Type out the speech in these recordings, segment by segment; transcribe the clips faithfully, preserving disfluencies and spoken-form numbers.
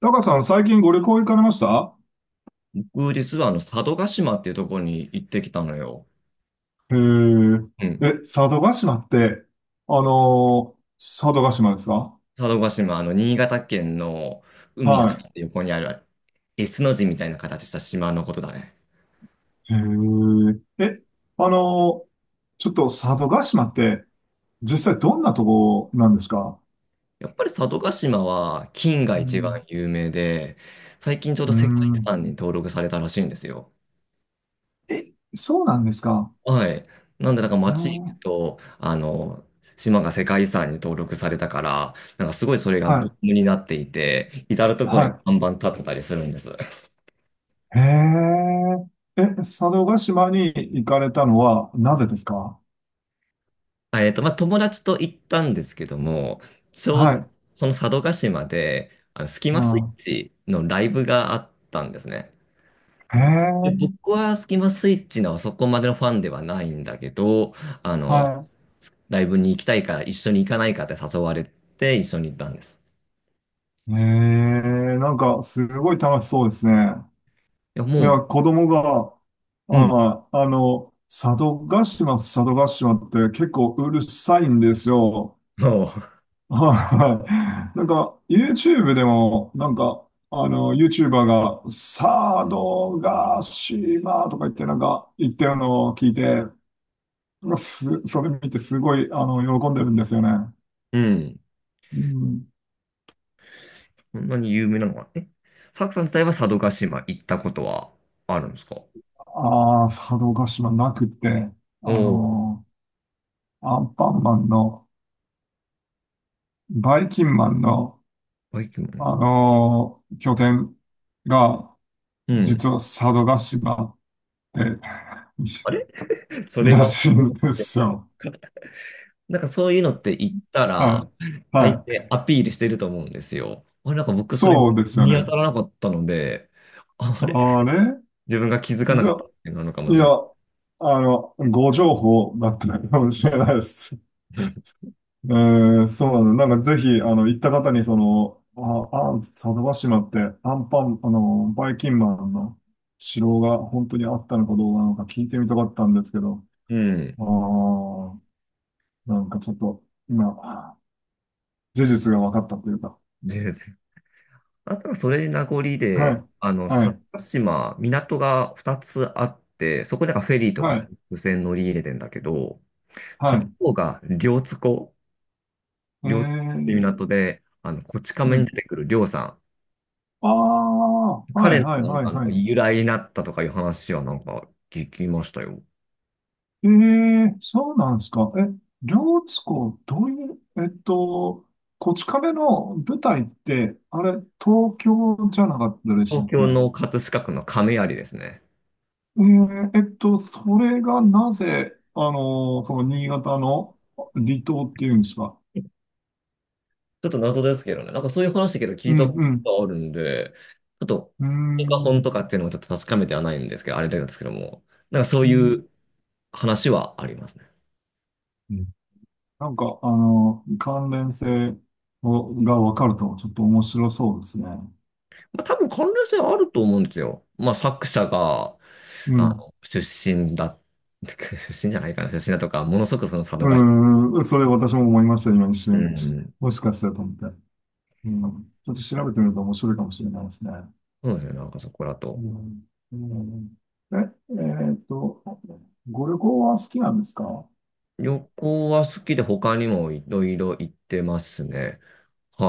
タカさん、最近ご旅行行かれました？僕、実はあの、佐渡島っていうところに行ってきたのよ。へうん。え。え、佐渡島って、あのー佐渡島ですか？佐渡島、あの、新潟県の海入はって横にある S の字みたいな形した島のことだね。い。へえ。え、あのーちょっと佐渡島って、実際どんなとこなんですか？やっぱり佐渡島は金がう一番ん。有名で、最近ちょうどう世界遺ん。産に登録されたらしいんですよ。え、そうなんですか？はい。なんで、なんかう街行くのと、あの、島が世界遺産に登録されたから、なんかすごいそれがはブーい。ムになっていて、至る所には看板立ってたりするんです。い。へえ。え、佐渡島に行かれたのはなぜですか？あえっと、まあ、友達と行ったんですけども、ちょはう、い。その佐渡島で、あの、スキうマスイん。ッチのライブがあったんですね。へでえ。僕はスキマスイッチのそこまでのファンではないんだけど、あはの、い。ライブに行きたいから一緒に行かないかって誘われて一緒に行ったんです。ええ、なんか、すごい楽しそうですね。いや、いもや、う、子供が、うん、あ、あの、佐渡島、佐渡島って結構うるさいんですよ。も はい。なんか、YouTube でも、なんか、あの、YouTuber が、佐渡島とか言って、なんか、言ってるのを聞いて、なんかす、それ見てすごい、あの、喜んでるんですよね。う、うん、うん。そんなに有名なのは、え、サクさん自体は佐渡島行ったことはあるんですかお。ああ、佐渡島なくて、おあー、の、アンパンマンの、バイキンマンの、バイキングね。あのー拠点が、うん。実は佐渡島で あれ そいれらは、しいんですよ。なんかそういうのって言ったはら、い。大は抵い。アピールしてると思うんですよ。あれ、なんか僕それそうですよ見当ね。たらなかったので、ああれ、あれ自分が気づかなじゃ、かったっていうのなのかいもしれや、ない。あの、ご情報だったかもしれないです。えー、そうなの。なんかぜひ、あの、行った方に、その、あ、あ、佐渡島って、アンパン、あの、バイキンマンの城が本当にあったのかどうなのか聞いてみたかったんですけど、うん。ああ、なんかちょっと、今、事実が分かったというか。全然。あとはそれ名残はで、い、あの、は薩い、摩島、港がふたつあって、そこでなんかフェリーとはかい、無線乗り入れてんだけど、は片い。方が両津湖、え両津湖っていうー、港で、あの、こちう亀にん。出てくる両さん。ああ、はい、彼はい、のなんはい、か、なはい。由来になったとかいう話はなんか聞きましたよ。ええ、そうなんですか。え、両津湖、どういう、えっと、こち亀の舞台って、あれ、東京じゃなかったでしたっ東け？京えの葛飾区の亀有ですね。ーえっと、それがなぜ、あの、その新潟の離島っていうんですか？ちょっと謎ですけどね。なんかそういう話だけど聞ういたん、こうん、とあるんで、ちょっと、うー本か本ん、とかっていうのはちょっと確かめてはないんですけど、あれなんですけども、なんかそうういんう話はありますね。うんなんか、あの、関連性をがわかると、ちょっと面白そうですね。まあ多分関連性あると思うんですよ。まあ作者が、うあん。の、出身だ、出身じゃないかな、出身だとか、ものすごくその佐渡が、うん、それ私も思いました、今一う瞬。ん、もしかしたらと思って。うん、ちょっと調べてみると面白いかもしれないですね。そうですよね、なんかそこらうと。ん、うん。え、えーっと、ご旅行は好きなんですか？旅行は好きで他にもいろいろ行ってますね。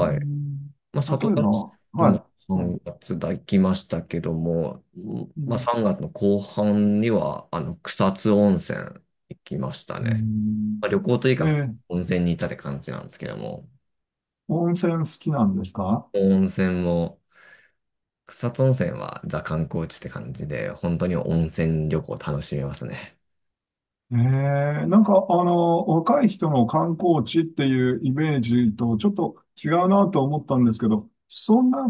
うい。ん、まあ、里例えば、ヶ島もはい、はい。さんがつだ行きましたけども、うんうまあ、ん、さんがつの後半にはあの草津温泉行きましたうね。ん。まあ、旅行というえかー温泉に行ったって感じなんですけども、温泉好きなんですか？温泉も、草津温泉はザ観光地って感じで、本当に温泉旅行楽しめますね。ええ、なんか、あの、若い人の観光地っていうイメージとちょっと違うなと思ったんですけど、そんな、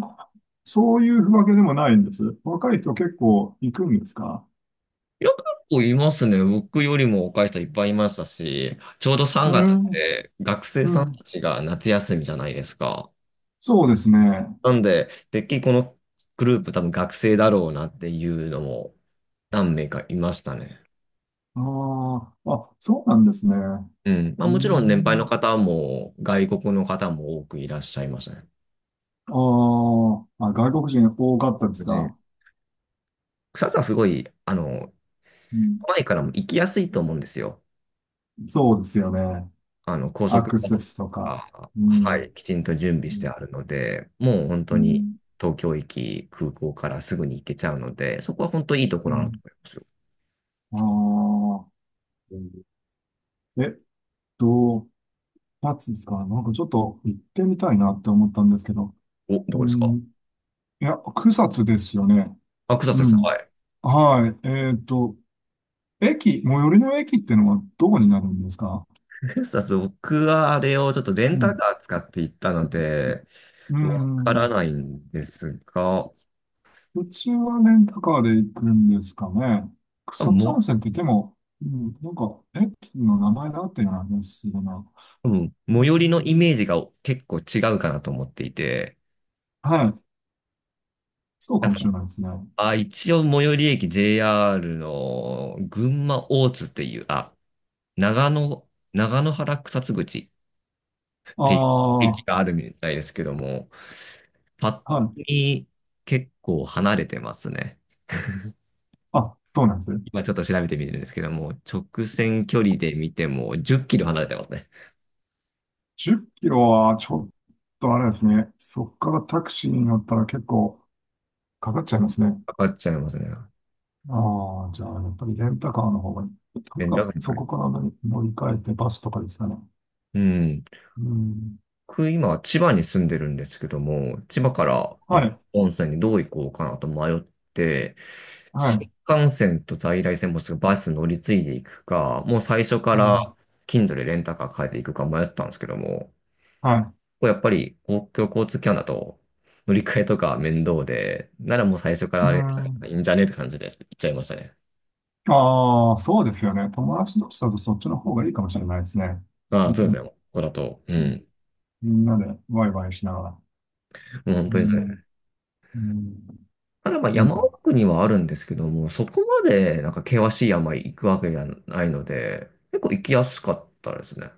そういうわけでもないんです。若い人結構行くんですか？いや、結構いますね。僕よりも若い人いっぱいいましたし、ちょうどうさんがつっん、て学生うさんたん。ちが夏休みじゃないですか。そうですね。なんで、てっきりこのグループ多分学生だろうなっていうのも何名かいましたね。ああ、あ、そうなんですね。うん。まあうもちろん年配のん。方も外国の方も多くいらっしゃいましたね。あーあ、外国人多かったですで、か？草津はすごい、あの、うん、都内からも行きやすいと思うんですよ。そうですよね。あの、高ア速クバセススととか。か、うはん。い、きちんと準備うしてん。あるので、もう本う当にん。東京駅、空港からすぐに行けちゃうので、そこは本当にいいとこうろだなとん思いますよ。ああ。えっと、二つですか？なんかちょっと行ってみたいなって思ったんですけど。お、うどこですか。ん、いや、草津ですよね。あ、草津うです。ん。はい。はい。えっと、駅、最寄りの駅ってのはどこになるんですか？草津、僕はあれをちょっとレンうタん。カー使って行ったので、うわからん。ないんですが、うちはレンタカーで行くんですかね。多分草津温も、泉って言っても、うん、なんか駅の名前だっていう話だな。多分う最寄りのイん、メージが結構違うかなと思っていて、はい。そうなかんもか、しれないですね。あ、一応最寄り駅 ジェイアール の群馬大津っていう、あ、長野、長野原草津口っあていうあ、駅はがあるみたいですけども、パッとい。見結構離れてますね。あ、そうなんです。今ちょっと調べてみてるんですけども、直線距離で見てもじゅっキロ離れてますね。じゅっキロはちょっとあれですね。そこからタクシーに乗ったら結構かかっちゃいますね。かかっちゃいますね。ああ、じゃあやっぱりレンタカーの方がいい。というえ、だか、からこそれ。こから乗り乗り換えてバスとかですかね。うん。うん。僕、今、千葉に住んでるんですけども、千葉からなんはかい。温泉にどう行こうかなと迷って、は新い。幹線と在来線もしくはバス乗り継いでいくか、もう最初かうら ん。Kindle でレンタカー借りていくか迷ったんですけども、はい。これやっぱり公共交通機関だと乗り換えとか面倒で、ならもう最初かうらあれいん。いんじゃねって感じで行っちゃいましたね。ああ、そうですよね。友達同士だとそっちの方がいいかもしれないですね。あうあ、そうですん。ね。ここだと、ううん、ん。みんなでワイワイしながら。もう本う当にそん。れ。うん。ただまあう山ん。奥にはあるんですけども、そこまでなんか険しい山行くわけじゃないので、結構行きやすかったですね。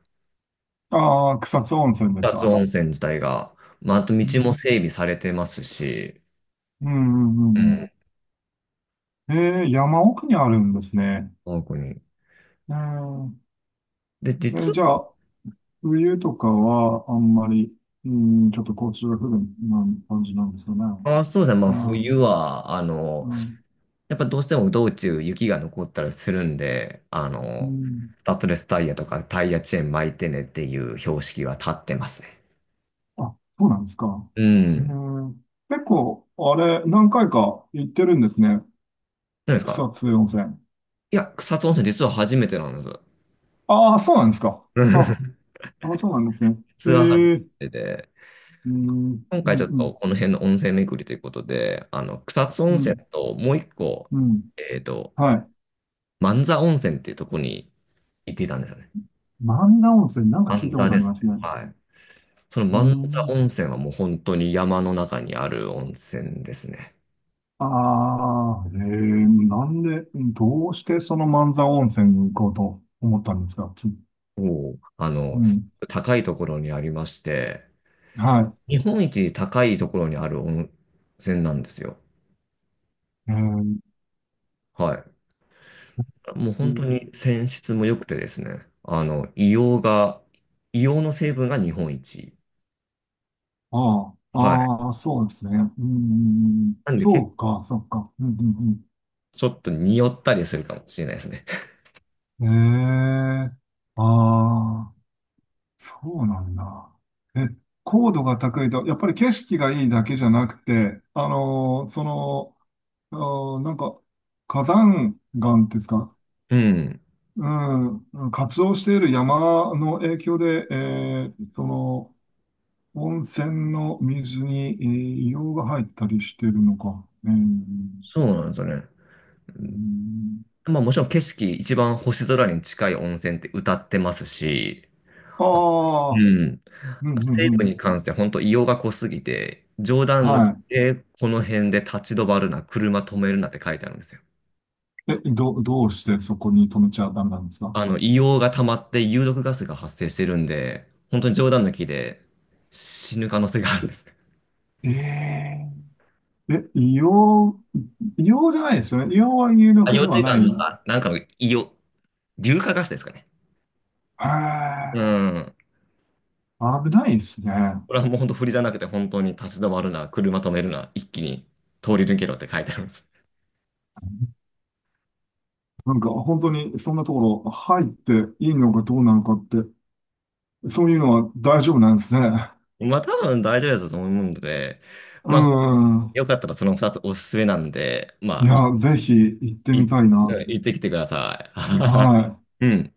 ああ、草津温泉です草津か？温泉自体が。まあ、あと道うもん。整備されてますし、うん。うん。ううんうん、ん、えー、山奥にあるんですね。奥に。えで、えー。実じゃあ、冬とかはあんまり、うん、ちょっと交通が不便な感じなんですかね？は、そうですね、まうあ冬ん、は、あの、うん、やっぱどうしても道中雪が残ったりするんで、あうの、ん。スタッドレスタイヤとかタイヤチェーン巻いてねっていう標識は立ってますね。あ、そうなんですか。うえん。ー、結構、あれ、何回か行ってるんですね。何ですか。草津温泉。いや、草津温泉実は初めてなんです。ああ、そうなんですか。あ、あ、そうなんですね。えツアー初ー、めてで、うん、うん、今回うちょっとん、この辺の温泉巡りということで、あの、草津温う泉ん、ともう一個、うん。えっと、はい。万座温泉っていうところに行っていたんですよね。万田温泉、なんか聞い万たこ座とあでりすね。ますね。はい。そのう万座ん、温泉はもう本当に山の中にある温泉ですね。ああ、ええ、なんで、うん、どうしてその万座温泉に行こうと思ったんですかき？もう、あうの、すん、高いところにありまして、は日本一高いところにある温泉なんですよ。い。えーはい。もう本当と、に泉質も良くてですね、あの、硫黄が、硫黄の成分が日本一。ああ、はい。ああ、そうですね。うん、なんでそ結構うか、そうか。うん、うん、ちょっと匂ったりするかもしれないですね。うん。ええ、ああ、そうなんだ。え、高度が高いと、やっぱり景色がいいだけじゃなくて、あのーその、あーなんか、火山岩ですか？うん。うん、活動している山の影響で、えーその、温泉の水に、えー硫黄が入ったりしてるのか。えー、そうなんですよね。うん、まあもちろん景色、一番星空に近い温泉って歌ってますし、あうああ、ん。うん、うん、成う分ん。に関して本当硫黄が濃すぎて、冗談抜きはでこの辺で立ち止まるな、車止めるなって書いてあるんですよ。い。え、ど、どうしてそこに止めちゃダメなんですか？あの、硫黄が溜まって有毒ガスが発生してるんで、本当に冗談抜きで死ぬ可能性があるんです。えええ、硫黄、硫黄じゃないですよね。硫黄は有あ、毒で羊蹄は岩なの、い。あ、なんかの硫黄、硫化ガスですかね。へうえ、ん。危ないですね。これはもう本当振りじゃなくて、本当に立ち止まるな、車止めるな、一気に通り抜けろって書いてあるんです。なんか本当にそんなところ入っていいのかどうなのかって、そういうのは大丈夫なんですね。まあ多分大丈夫だと思うので、うまあ、ん。よかったらそのふたつおすすめなんで、いまあ、や、ぜひ行ってい、うみんたいな。行ってきてくださはい。い。いうん。